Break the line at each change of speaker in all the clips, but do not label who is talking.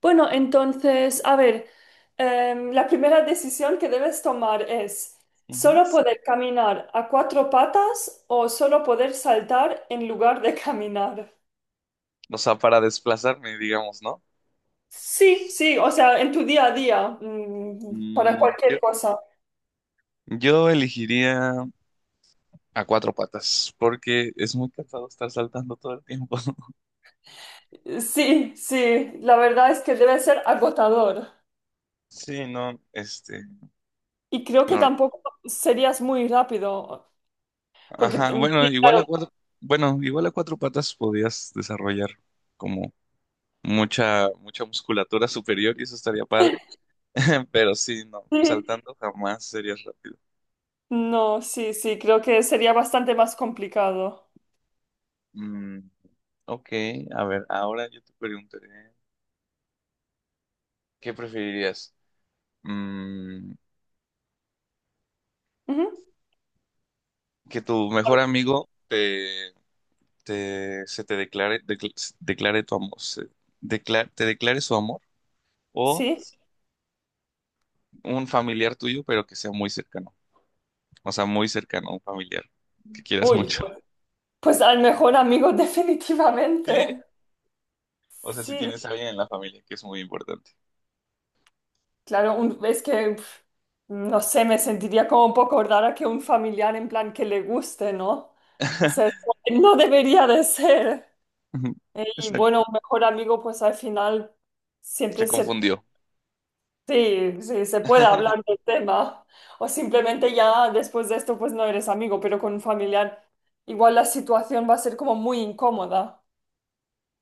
Bueno, entonces, a ver, la primera decisión que debes tomar es
Ujú.
solo poder caminar a cuatro patas o solo poder saltar en lugar de caminar.
O sea, para desplazarme, digamos, ¿no?
Sí, sí, o sea, en tu día a día, para
Mm, yo,
cualquier cosa.
yo elegiría a cuatro patas, porque es muy cansado estar saltando todo el tiempo.
Sí, sí, la verdad es que debe ser agotador.
Sí, no,
Y creo que
no.
tampoco serías muy rápido, porque,
Ajá, bueno,
sí,
igual
claro,
a cuatro, bueno, igual a cuatro patas podías desarrollar como mucha musculatura superior y eso estaría padre. Pero sí, no,
sí,
saltando jamás serías rápido.
no, sí, sí, creo que sería bastante más complicado.
Mm, Ok, a ver, ahora yo te preguntaré, ¿qué preferirías? Mm,
Ujú.
¿Que tu
A
mejor
ver,
amigo te, te- se te declare, decl- se- declare tu amor, se- decla- te declare su amor? ¿O
sí.
un familiar tuyo, pero que sea muy cercano? O sea, muy cercano, un familiar que quieras
Uy,
mucho.
pues al mejor amigo
Sí.
definitivamente.
O sea, si
Sí,
tienes a alguien en la familia, que es muy importante.
claro, es que, pf, no sé, me sentiría como un poco rara que un familiar en plan que le guste, ¿no? O sea, es como que no debería de ser.
Ujú.
Y bueno,
Exacto.
un mejor amigo, pues al final
Se
siempre se,
confundió.
sí, sí, se puede hablar del tema. O simplemente ya después de esto, pues no eres amigo, pero con un familiar igual la situación va a ser como muy incómoda.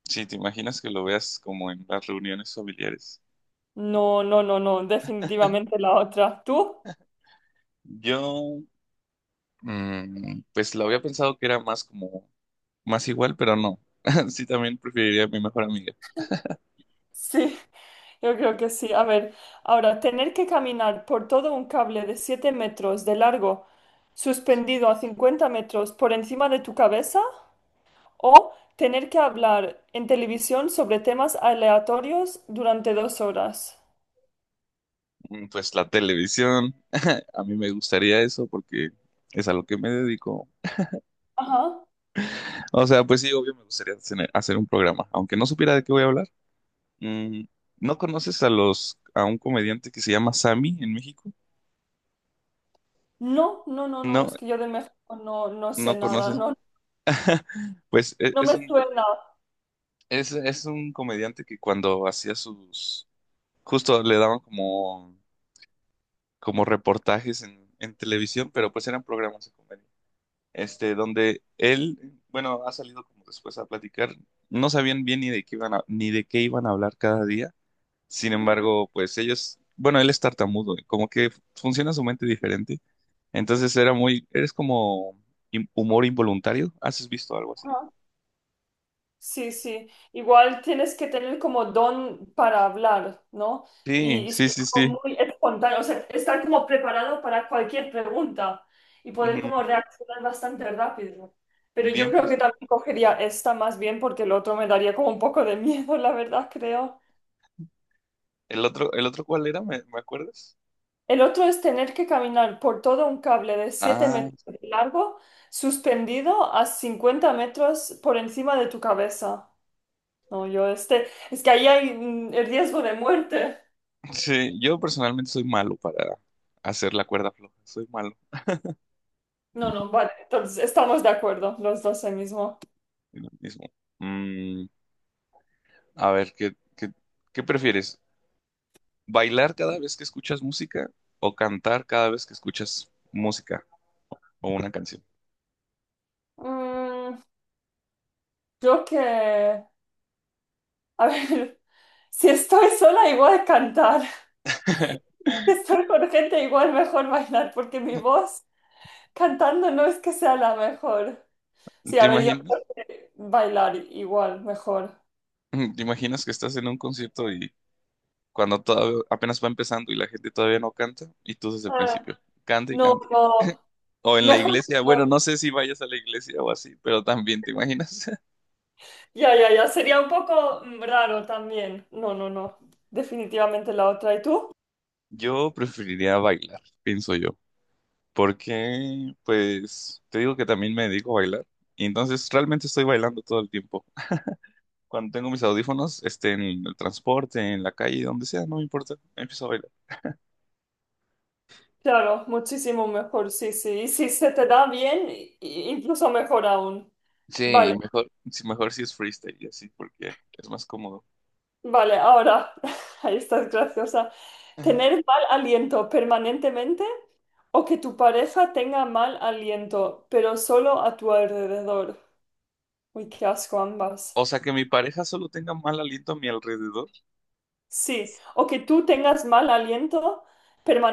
Sí, te imaginas que lo veas como en las reuniones familiares.
No, no, no, no, definitivamente la otra. ¿Tú?
Yo pues lo había pensado que era más más igual, pero no. Sí, también preferiría a mi mejor amiga.
Sí, yo creo que sí. A ver, ahora, tener que caminar por todo un cable de 7 metros de largo, suspendido a 50 metros por encima de tu cabeza, o tener que hablar en televisión sobre temas aleatorios durante 2 horas.
Pues la televisión, a mí me gustaría eso porque es a lo que me dedico.
Ajá.
O sea, pues sí, obvio me gustaría hacer un programa, aunque no supiera de qué voy a hablar. Mm, ¿No conoces a un comediante que se llama Sammy en México?
No, no, no, no,
No,
es que yo de México no, no sé
no
nada,
conoces.
no,
Pues
no me suena.
es un comediante que cuando hacía justo le daban como reportajes en televisión, pero pues eran programas de comedia. Este, donde él, bueno, ha salido como después a platicar, no sabían bien ni de qué iban a, ni de qué iban a hablar cada día. Sin
Ujú.
embargo, pues ellos, bueno, él es tartamudo, y como que funciona su mente diferente. Entonces era muy, eres como im- humor involuntario. ¿Has visto algo así?
Ajá. Sí, sí. Igual tienes que tener como don para hablar, ¿no?
Sí,
Y
sí,
ser
sí, sí.
como muy espontáneo, o sea, estar como preparado para cualquier pregunta y poder
Ujú.
como reaccionar bastante rápido. Pero yo
Bien
creo que
presente.
también cogería esta más bien porque el otro me daría como un poco de miedo, la verdad, creo.
El otro cuál era? ¿Me, me acuerdas?
El otro es tener que caminar por todo un cable de siete
Ah.
metros de largo, suspendido a 50 metros por encima de tu cabeza. No, yo este, es que ahí hay el riesgo de muerte.
Sí, yo personalmente soy malo para hacer la cuerda floja. Soy malo
No, no, vale, entonces estamos de acuerdo, los dos ahí mismo.
en lo mismo. Mm, a ver, ¿qué prefieres? ¿Bailar cada vez que escuchas música o cantar cada vez que escuchas música o una canción?
Mm, yo que, a ver, si estoy sola igual cantar, si estoy con gente igual mejor bailar, porque mi voz cantando no es que sea la mejor. Sí,
¿Te
a ver, yo
imaginas?
creo que bailar igual mejor.
¿Te imaginas que estás en un concierto y cuando apenas va empezando y la gente todavía no canta y tú desde el
Ah,
principio, canta y
no,
canta?
no,
O en la
mejor que
iglesia,
no.
bueno, no sé si vayas a la iglesia o así, pero también te imaginas.
Ya, ya, ya, sería un poco raro también. No, no, no, definitivamente la otra. ¿Y tú?
Yo preferiría bailar, pienso yo, porque pues te digo que también me dedico a bailar y entonces realmente estoy bailando todo el tiempo. Cuando tengo mis audífonos, este, en el transporte, en la calle, donde sea, no me importa, empiezo a bailar.
Claro, muchísimo mejor, sí, sí. Y si se te da bien, incluso mejor aún.
Sí, y
Vale,
mejor, sí, mejor si es freestyle y así, porque es más cómodo.
vale, ahora, ahí estás graciosa.
Ajá.
¿Tener mal aliento permanentemente o que tu pareja tenga mal aliento, pero solo a tu alrededor? Uy, qué asco ambas.
O sea, que mi pareja solo tenga mal aliento a mi alrededor,
Sí, o que tú tengas mal aliento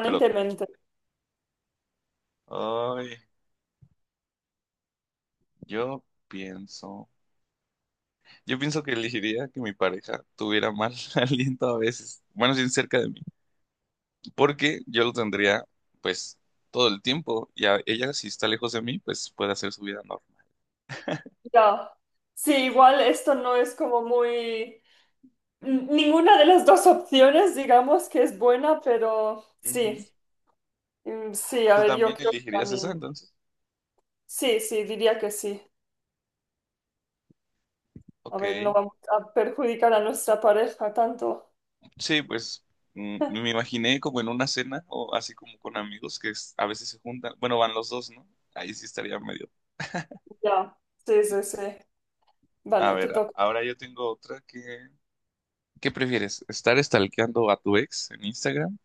pero, ay, yo pienso, yo pienso que elegiría que mi pareja tuviera mal aliento a veces, bueno, sin cerca de mí, porque yo lo tendría pues todo el tiempo y a ella si está lejos de mí pues puede hacer su vida normal.
Ya. Sí, igual esto no es como muy... Ninguna de las dos opciones, digamos que es buena, pero sí,
Ujú.
Sí, a
¿Tú
ver, yo
también
creo que
elegirías esa
también.
entonces?
Sí, sí, diría que sí. A
Ok.
ver, no vamos a perjudicar a nuestra pareja tanto.
Sí, pues me imaginé como en una cena o así como con amigos que a veces se juntan, bueno, van los dos, ¿no? Ahí sí estaría medio.
Ya, sí, sí, sí.
A
Vale, te
ver,
toca.
ahora yo tengo otra que ¿qué prefieres? ¿Estar stalkeando a tu ex en Instagram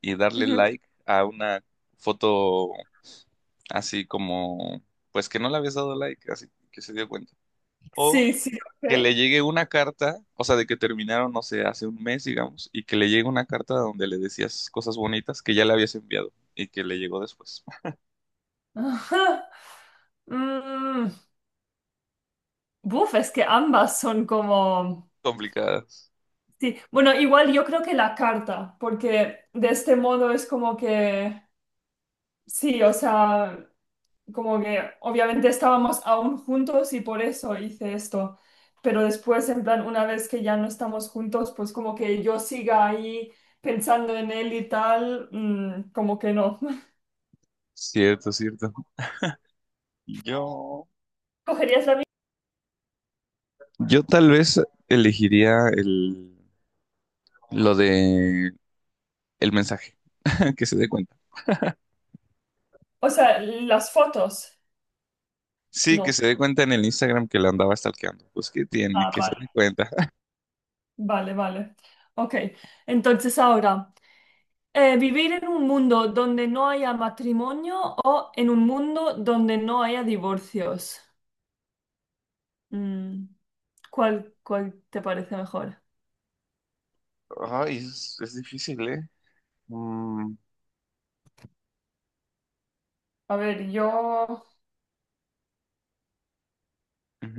y darle
Ujú.
like a una foto así como, pues que no le habías dado like, así que se dio cuenta? ¿O
Sí, sí,
que le
ok.
llegue una carta, o sea, de que terminaron, no sé, hace un mes, digamos, y que le llegue una carta donde le decías cosas bonitas que ya le habías enviado y que le llegó después?
Ajá. Mm, buf, es que ambas son como...
Complicadas.
Sí, bueno, igual yo creo que la carta, porque de este modo es como que... Sí, o sea, como que obviamente estábamos aún juntos y por eso hice esto, pero después, en plan, una vez que ya no estamos juntos, pues como que yo siga ahí pensando en él y tal, como que no.
Cierto, cierto. Yo,
¿Cogerías la misma?
yo tal vez elegiría lo de el mensaje, que se dé cuenta.
O sea, las fotos,
Sí, que
no.
se dé cuenta en el Instagram que la andaba stalkeando. Pues, ¿qué tiene?
Ah,
Que se
vale,
dé cuenta.
vale, vale. Ok, entonces ahora, ¿vivir en un mundo donde no haya matrimonio o en un mundo donde no haya divorcios? Mm. ¿Cuál, cuál te parece mejor?
Ay, es difícil, ¿eh? Mm.
A ver, yo,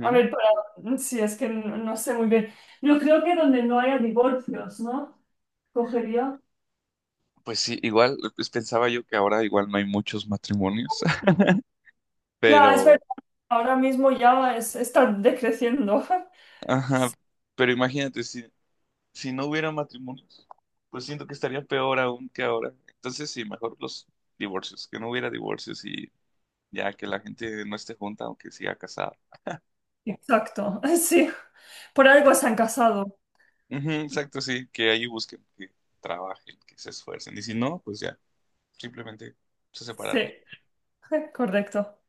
a ver, para, sí, es que no, no sé muy bien. Yo creo que donde no haya divorcios, ¿no? Cogería.
Pues sí, igual, pues pensaba yo que ahora igual no hay muchos matrimonios,
Ya, es
pero,
verdad, ahora mismo ya es, está decreciendo.
ajá, pero imagínate, si no hubiera matrimonios, pues siento que estaría peor aún que ahora. Entonces sí, mejor los divorcios, que no hubiera divorcios y ya que la gente no esté junta, aunque siga casada.
Exacto, sí. Por algo se han casado.
Ujú, exacto, sí, que ahí busquen, que trabajen, que se esfuercen. Y si no, pues ya, simplemente se
Sí,
separaron.
correcto.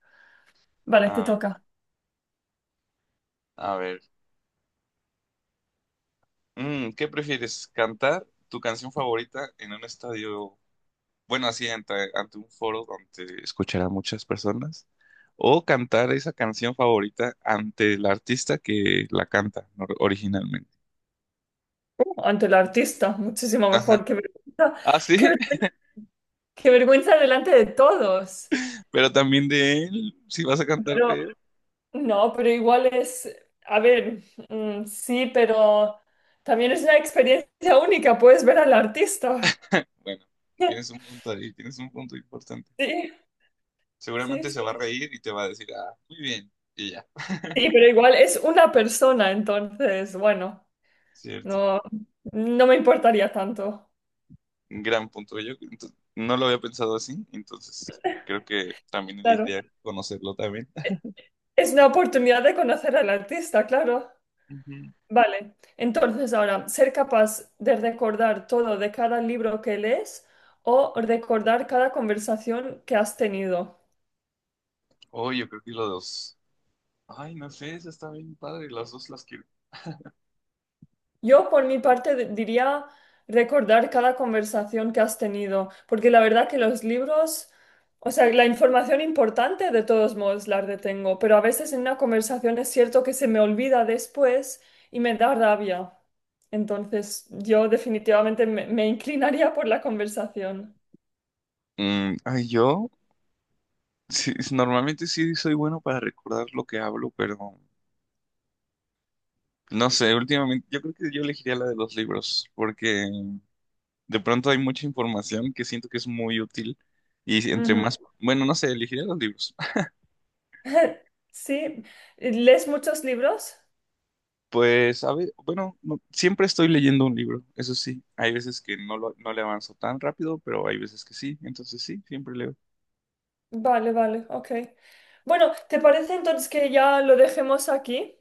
Vale, te
Ah,
toca.
a ver, ¿qué prefieres? ¿Cantar tu canción favorita en un estadio, bueno, así ante, ante un foro donde escucharán muchas personas? ¿O cantar esa canción favorita ante el artista que la canta originalmente?
Ante el artista, muchísimo mejor.
Ajá.
Qué vergüenza,
Ah,
qué
sí,
vergüenza, qué vergüenza delante de todos.
pero también de él, si vas a cantar de
Pero
él.
No, pero igual es, a ver, sí, pero también es una experiencia única, puedes ver al artista.
Bueno, tienes un punto ahí, tienes un punto importante.
Sí, sí,
Seguramente
sí,
se va a
sí,
reír y te va a decir, ah, muy bien, y ya.
sí, pero igual es una persona, entonces, bueno,
Cierto.
no, no me importaría tanto.
Gran punto. Yo no lo había pensado así, entonces creo que también
Claro.
elegiría conocerlo también.
Es una oportunidad de conocer al artista, claro.
Ujú.
Vale, entonces ahora, ser capaz de recordar todo de cada libro que lees o recordar cada conversación que has tenido.
Oh, yo creo que los dos. Ay, no sé, esa está bien padre, las dos las quiero.
Yo, por mi parte, diría recordar cada conversación que has tenido, porque la verdad que los libros, o sea, la información importante de todos modos la retengo, pero a veces en una conversación es cierto que se me olvida después y me da rabia. Entonces, yo definitivamente me, me inclinaría por la conversación.
Mm, ay, yo sí, normalmente sí soy bueno para recordar lo que hablo, pero no sé, últimamente yo creo que yo elegiría la de los libros, porque de pronto hay mucha información que siento que es muy útil y entre
Ujú.
más, bueno, no sé, elegiría los libros.
Sí, ¿lees muchos libros?
Pues, a ver, bueno, siempre estoy leyendo un libro, eso sí. Hay veces que no, no le avanzo tan rápido, pero hay veces que sí, entonces sí, siempre leo.
Vale, vale, ok. Bueno, ¿te parece entonces que ya lo dejemos aquí?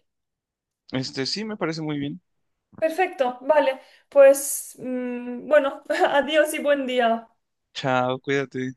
Este, sí, me parece muy bien.
Perfecto, vale. Pues bueno, adiós y buen día.
Chao, cuídate.